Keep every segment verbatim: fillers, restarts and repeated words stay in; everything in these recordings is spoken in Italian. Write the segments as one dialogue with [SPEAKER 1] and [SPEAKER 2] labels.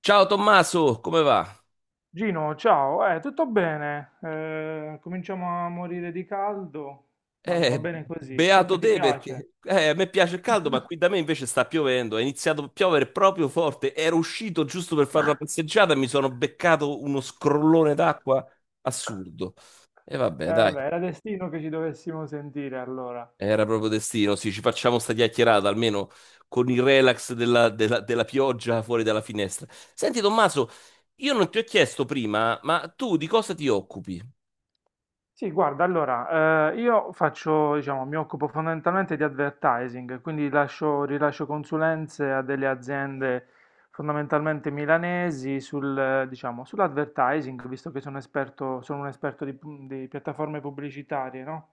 [SPEAKER 1] Ciao Tommaso, come va?
[SPEAKER 2] Gino, ciao, eh, tutto bene? Eh, cominciamo a morire di caldo, ma va
[SPEAKER 1] Eh,
[SPEAKER 2] bene così, so
[SPEAKER 1] beato
[SPEAKER 2] che ti
[SPEAKER 1] te
[SPEAKER 2] piace.
[SPEAKER 1] perché eh, a me piace il caldo, ma qui da me invece sta piovendo. È iniziato a piovere proprio forte. Ero uscito giusto per fare una passeggiata e mi sono beccato uno scrollone d'acqua assurdo. E
[SPEAKER 2] Eh,
[SPEAKER 1] vabbè, dai,
[SPEAKER 2] vabbè, era destino che ci dovessimo sentire allora.
[SPEAKER 1] era proprio destino. Sì, ci facciamo sta chiacchierata almeno con il relax della, della- della pioggia fuori dalla finestra. Senti Tommaso, io non ti ho chiesto prima, ma tu di cosa ti occupi?
[SPEAKER 2] Sì, guarda, allora, eh, io faccio, diciamo, mi occupo fondamentalmente di advertising, quindi lascio- rilascio consulenze a delle aziende fondamentalmente milanesi sul, eh, diciamo, sull'advertising, visto che sono esperto, sono un esperto di, pu- di piattaforme pubblicitarie, no?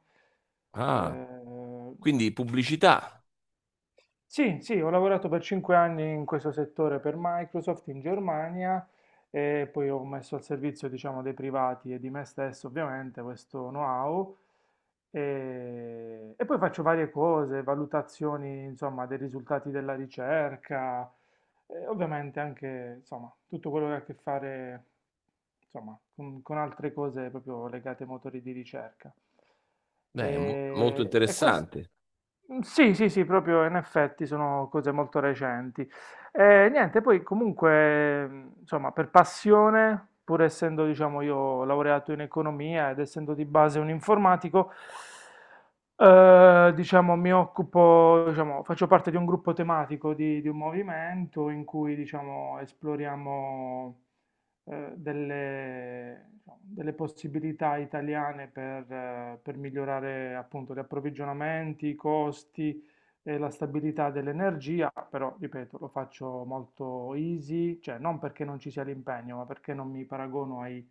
[SPEAKER 1] Ah,
[SPEAKER 2] Eh,
[SPEAKER 1] quindi pubblicità.
[SPEAKER 2] sì, sì, ho lavorato per 5 anni in questo settore per Microsoft in Germania e poi ho messo al servizio, diciamo, dei privati e di me stesso, ovviamente, questo know-how. E, e poi faccio varie cose, valutazioni, insomma, dei risultati della ricerca, e ovviamente anche, insomma, tutto quello che ha a che fare, insomma, con, con altre cose proprio legate ai motori di ricerca.
[SPEAKER 1] Beh, è mo- molto
[SPEAKER 2] E, e questo,
[SPEAKER 1] interessante.
[SPEAKER 2] sì, sì, sì, proprio in effetti sono cose molto recenti. E niente, poi comunque, mh, insomma, per passione, pur essendo, diciamo, io laureato in economia ed essendo di base un informatico, eh, diciamo, mi occupo, diciamo, faccio parte di un gruppo tematico di, di un movimento in cui, diciamo, esploriamo eh, delle, diciamo, delle possibilità italiane per, eh, per migliorare appunto gli approvvigionamenti, i costi, e la stabilità dell'energia, però ripeto, lo faccio molto easy, cioè non perché non ci sia l'impegno, ma perché non mi paragono ai,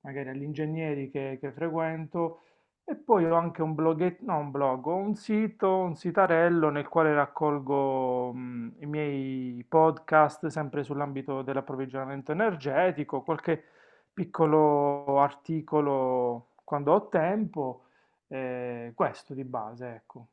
[SPEAKER 2] magari agli ingegneri che, che frequento. E poi ho anche un bloghetto, no, un blog, ho un sito, un sitarello nel quale raccolgo mh, i miei podcast sempre sull'ambito dell'approvvigionamento energetico, qualche piccolo articolo quando ho tempo, eh, questo di base, ecco.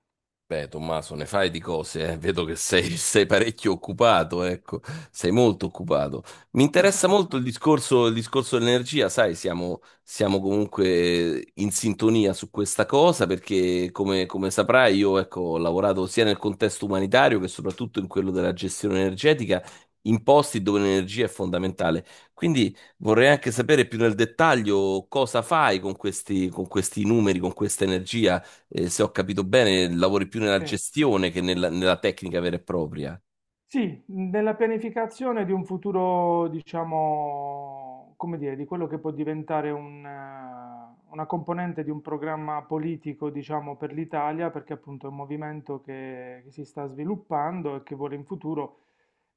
[SPEAKER 1] Beh, Tommaso, ne fai di cose, eh. Vedo che sei, sei parecchio occupato, ecco, sei molto occupato. Mi interessa molto il discorso, il discorso dell'energia, sai, siamo, siamo comunque in sintonia su questa cosa perché, come, come saprai, io ecco, ho lavorato sia nel contesto umanitario che soprattutto in quello della gestione energetica, in posti dove l'energia è fondamentale. Quindi vorrei anche sapere più nel dettaglio cosa fai con questi, con questi numeri, con questa energia eh, se ho capito bene, lavori più nella
[SPEAKER 2] Sì.
[SPEAKER 1] gestione che nella, nella tecnica vera e propria.
[SPEAKER 2] Sì, nella pianificazione di un futuro, diciamo, come dire, di quello che può diventare un, eh, una componente di un programma politico, diciamo, per l'Italia, perché appunto è un movimento che, che si sta sviluppando e che vuole in futuro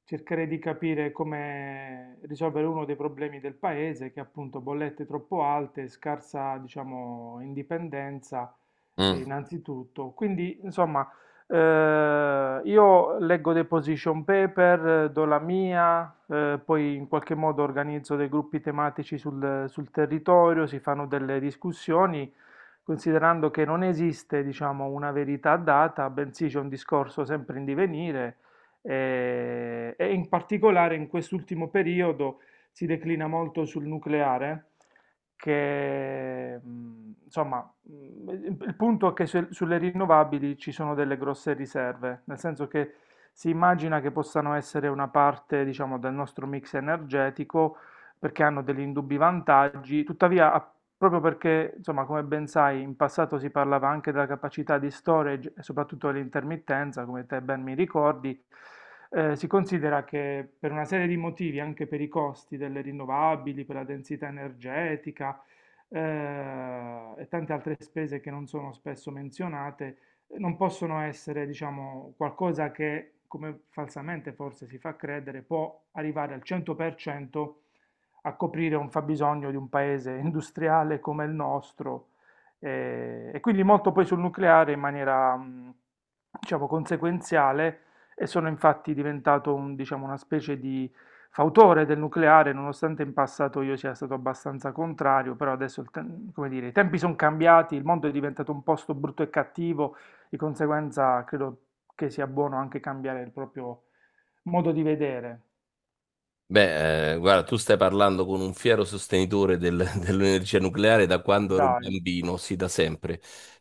[SPEAKER 2] cercare di capire come risolvere uno dei problemi del paese, che è appunto bollette troppo alte, scarsa, diciamo, indipendenza, eh,
[SPEAKER 1] Mm.
[SPEAKER 2] innanzitutto. Quindi, insomma. Eh, io leggo dei position paper, eh, do la mia, eh, poi in qualche modo organizzo dei gruppi tematici sul, sul territorio, si fanno delle discussioni, considerando che non esiste, diciamo, una verità data, bensì c'è un discorso sempre in divenire, eh, e in particolare in quest'ultimo periodo si declina molto sul nucleare che mh, insomma. Mm, Il il punto è che se- sulle rinnovabili ci sono delle grosse riserve, nel senso che si immagina che possano essere una parte, diciamo, del nostro mix energetico perché hanno degli indubbi vantaggi, tuttavia a- proprio perché, insomma, come ben sai, in passato si parlava anche della capacità di storage e soprattutto dell'intermittenza, come te ben mi ricordi, eh, si considera che per una serie di motivi, anche per i costi delle rinnovabili, per la densità energetica, eh, e tante altre spese che non sono spesso menzionate, eh, non possono essere, diciamo, qualcosa che, come falsamente forse si fa credere, può arrivare al cento per cento a coprire un fabbisogno di un paese industriale come il nostro. eh, e quindi molto poi sul nucleare in maniera, mh, diciamo, conseguenziale e sono infatti diventato un, diciamo, una specie di fautore del nucleare, nonostante in passato io sia stato abbastanza contrario, però adesso, il te- come dire, i tempi sono cambiati, il mondo è diventato un posto brutto e cattivo, di conseguenza credo che sia buono anche cambiare il proprio modo di vedere.
[SPEAKER 1] Beh, eh, guarda, tu stai parlando con un fiero sostenitore del- dell'energia nucleare da quando ero
[SPEAKER 2] Dai,
[SPEAKER 1] bambino, sì, da sempre.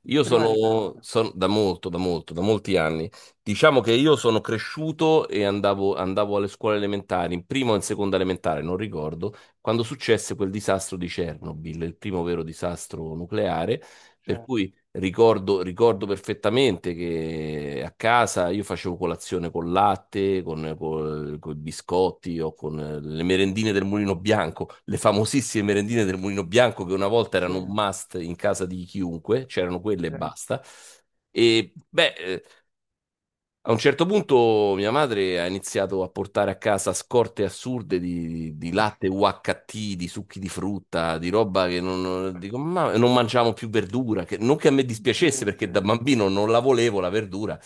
[SPEAKER 1] Io
[SPEAKER 2] prima di me
[SPEAKER 1] sono,
[SPEAKER 2] allora,
[SPEAKER 1] son- da molto, da molto, da molti anni. Diciamo che io sono cresciuto e andavo, andavo alle scuole elementari, in prima o in seconda elementare, non ricordo, quando successe quel disastro di Chernobyl, il primo vero disastro nucleare. Per
[SPEAKER 2] certo.
[SPEAKER 1] cui Ricordo, ricordo perfettamente che a casa io facevo colazione con latte, con, con, con i biscotti o con le merendine del Mulino Bianco, le famosissime merendine del Mulino Bianco che una volta
[SPEAKER 2] Sì,
[SPEAKER 1] erano un must in casa di chiunque, c'erano quelle e
[SPEAKER 2] sì,
[SPEAKER 1] basta. E beh, eh, a un certo punto mia madre ha iniziato a portare a casa scorte assurde di, di latte U H T, di succhi di frutta, di roba che non, non- dico, ma non mangiamo più verdura, che, non che a me
[SPEAKER 2] sì,
[SPEAKER 1] dispiacesse
[SPEAKER 2] sì,
[SPEAKER 1] perché da bambino non la volevo la verdura,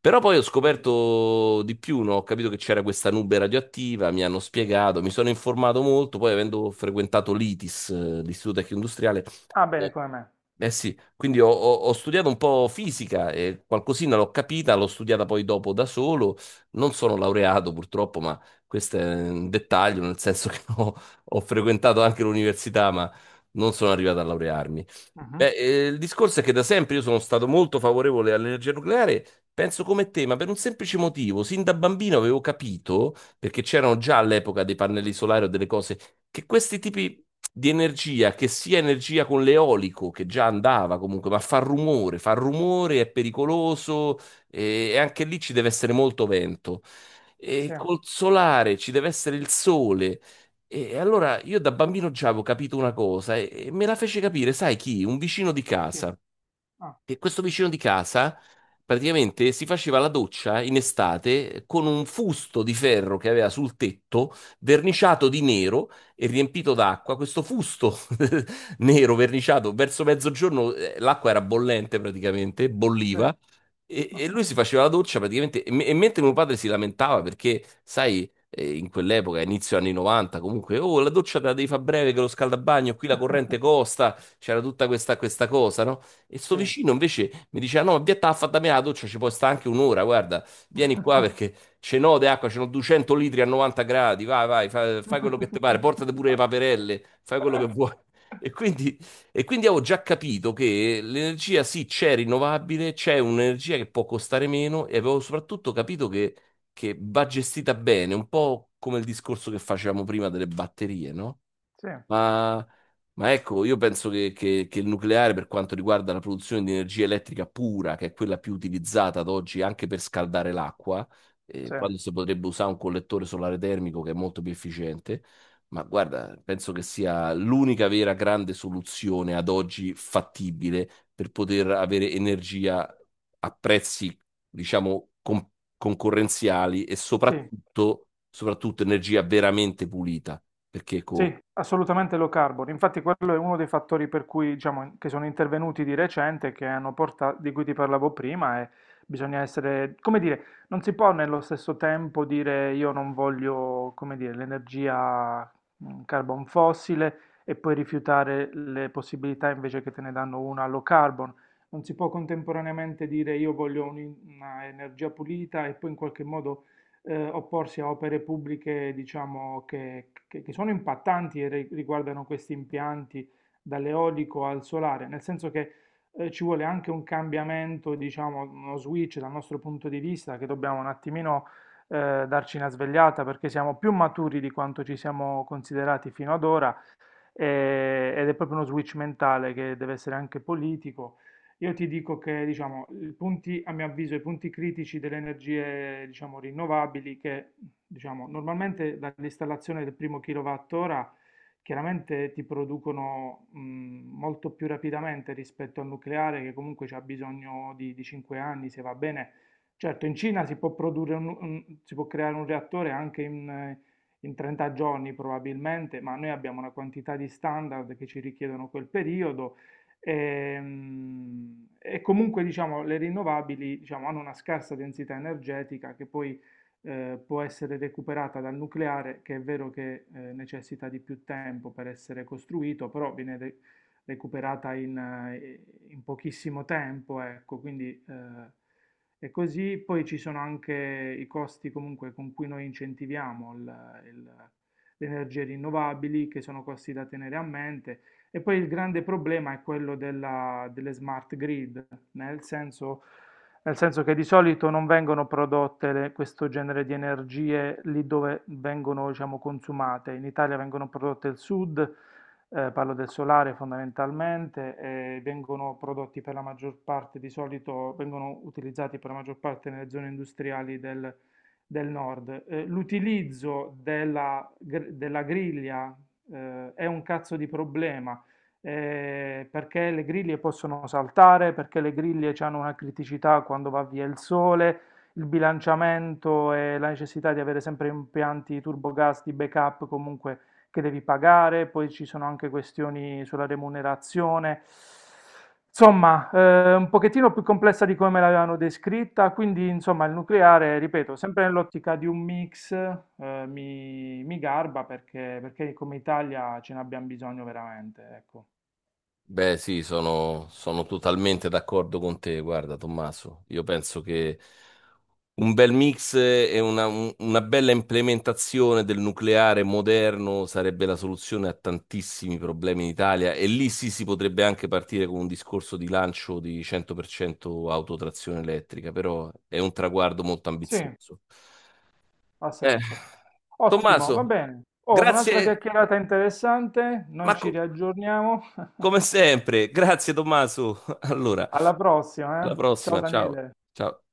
[SPEAKER 1] però poi ho
[SPEAKER 2] sì.
[SPEAKER 1] scoperto di più, no? Ho capito che c'era questa nube radioattiva, mi hanno spiegato, mi sono informato molto, poi avendo frequentato l'ITIS, eh, l'Istituto Tecnico Industriale,
[SPEAKER 2] Ah, bene, come me.
[SPEAKER 1] eh sì, quindi ho, ho- ho studiato un po' fisica e qualcosina l'ho capita, l'ho studiata poi dopo da solo. Non sono laureato purtroppo, ma questo è un dettaglio, nel senso che ho, ho frequentato anche l'università, ma non sono arrivato a laurearmi.
[SPEAKER 2] Mhm.
[SPEAKER 1] Beh, eh, il discorso è che da sempre io sono stato molto favorevole all'energia nucleare, penso come te, ma per un semplice motivo. Sin da bambino avevo capito, perché c'erano già all'epoca dei pannelli solari o delle cose, che questi tipi di energia che sia energia con l'eolico, che già andava comunque, ma fa rumore, fa rumore, è pericoloso e, e anche lì ci deve essere molto vento. E
[SPEAKER 2] Sì,
[SPEAKER 1] col solare ci deve essere il sole. E allora io da bambino già avevo capito una cosa e e me la fece capire, sai chi? Un vicino di
[SPEAKER 2] chi?
[SPEAKER 1] casa
[SPEAKER 2] Ah,
[SPEAKER 1] che questo vicino di casa praticamente si faceva la doccia in estate con un fusto di ferro che aveva sul tetto, verniciato di nero e riempito d'acqua. Questo fusto nero verniciato verso mezzogiorno, eh, l'acqua era bollente praticamente,
[SPEAKER 2] sì,
[SPEAKER 1] bolliva. E, e lui si faceva la doccia praticamente, e, me- e mentre mio padre si lamentava perché, sai, eh, in quell'epoca, inizio anni novanta, comunque, oh, la doccia te la devi fare breve che lo scaldabagno, qui la corrente costa, c'era tutta questa, questa cosa, no? E sto
[SPEAKER 2] sì.
[SPEAKER 1] vicino invece mi diceva: No, ma via, t'ha fatta me la doccia, ci può sta anche un'ora. Guarda, vieni qua perché ce n'ho di acqua, ce n'ho duecento litri a novanta gradi. Vai, vai, fa- fai, quello che ti pare, portate pure le paperelle, fai quello che vuoi. E quindi, e quindi avevo già capito che l'energia sì c'è rinnovabile, c'è un'energia che può costare meno e avevo soprattutto capito che, che, va gestita bene, un po' come il discorso che facevamo prima delle batterie, no?
[SPEAKER 2] Sì,
[SPEAKER 1] Ma, ma ecco, io penso che, che- che il nucleare, per quanto riguarda la produzione di energia elettrica pura, che è quella più utilizzata ad oggi anche per scaldare l'acqua, eh,
[SPEAKER 2] sì,
[SPEAKER 1] quando si potrebbe usare un collettore solare termico che è molto più efficiente, ma guarda, penso che sia l'unica vera grande soluzione ad oggi fattibile per poter avere energia a prezzi, diciamo, con- concorrenziali e
[SPEAKER 2] sì.
[SPEAKER 1] soprattutto, soprattutto energia veramente pulita. Perché
[SPEAKER 2] Sì,
[SPEAKER 1] co-
[SPEAKER 2] assolutamente low carbon. Infatti quello è uno dei fattori per cui, diciamo, che sono intervenuti di recente, che hanno portato, di cui ti parlavo prima, e bisogna essere, come dire, non si può nello stesso tempo dire io non voglio, come dire, l'energia mm, carbon fossile e poi rifiutare le possibilità invece che te ne danno una low carbon. Non si può contemporaneamente dire io voglio un'energia pulita e poi in qualche modo eh, opporsi a opere pubbliche, diciamo, che, che- che sono impattanti e ri- riguardano questi impianti dall'eolico al solare, nel senso che eh, ci vuole anche un cambiamento, diciamo, uno switch dal nostro punto di vista, che dobbiamo un attimino eh, darci una svegliata perché siamo più maturi di quanto ci siamo considerati fino ad ora eh, ed è proprio uno switch mentale che deve essere anche politico. Io ti dico che, diciamo, i punti, a mio avviso, i punti critici delle energie, diciamo, rinnovabili, che, diciamo, normalmente dall'installazione del primo kilowattora chiaramente ti producono, mh, molto più rapidamente rispetto al nucleare, che comunque c'ha bisogno di, di 5 anni, se va bene. Certo, in Cina si può produrre un- un- si può creare un reattore anche in, eh, in 30 giorni probabilmente, ma noi abbiamo una quantità di standard che ci richiedono quel periodo. ehm, E, comunque diciamo, le rinnovabili diciamo, hanno una scarsa densità energetica che poi eh, può essere recuperata dal nucleare, che è vero che eh, necessita di più tempo per essere costruito, però viene re- recuperata in, eh, in pochissimo tempo, ecco, quindi eh, è così. Poi ci sono anche i costi comunque con cui noi incentiviamo il- il- le energie rinnovabili, che sono costi da tenere a mente. E poi il grande problema è quello della- delle smart grid, nel senso, nel senso che di solito non vengono prodotte le- questo genere di energie lì dove vengono, diciamo, consumate. In Italia vengono prodotte al sud, eh, parlo del solare fondamentalmente, eh, vengono prodotti per la maggior parte, di solito vengono utilizzati per la maggior parte nelle zone industriali del, del nord. Eh, l'utilizzo della, gr- della griglia eh, è un cazzo di problema. eh, perché le griglie possono saltare, perché le griglie hanno una criticità quando va via il sole, il bilanciamento e la necessità di avere sempre impianti turbogas di backup comunque che devi pagare, poi ci sono anche questioni sulla remunerazione. Insomma, eh, un pochettino più complessa di come me l'avevano descritta, quindi insomma il nucleare, ripeto, sempre nell'ottica di un mix, eh, mi, mi garba perché, perché come Italia ce ne abbiamo bisogno veramente, ecco.
[SPEAKER 1] Beh, sì, sono, sono totalmente d'accordo con te, guarda, Tommaso. Io penso che un bel mix e una, un- una bella implementazione del nucleare moderno sarebbe la soluzione a tantissimi problemi in Italia e lì sì si potrebbe anche partire con un discorso di lancio di cento per cento autotrazione elettrica, però è un traguardo molto
[SPEAKER 2] Sì,
[SPEAKER 1] ambizioso.
[SPEAKER 2] ha
[SPEAKER 1] Eh,
[SPEAKER 2] senso. Ottimo, va
[SPEAKER 1] Tommaso,
[SPEAKER 2] bene. Oh, un'altra
[SPEAKER 1] grazie,
[SPEAKER 2] chiacchierata interessante,
[SPEAKER 1] ma
[SPEAKER 2] noi ci
[SPEAKER 1] co-
[SPEAKER 2] riaggiorniamo.
[SPEAKER 1] come sempre, grazie Tommaso. Allora.
[SPEAKER 2] Alla prossima,
[SPEAKER 1] Alla
[SPEAKER 2] eh. Ciao
[SPEAKER 1] prossima, ciao.
[SPEAKER 2] Daniele.
[SPEAKER 1] Ciao.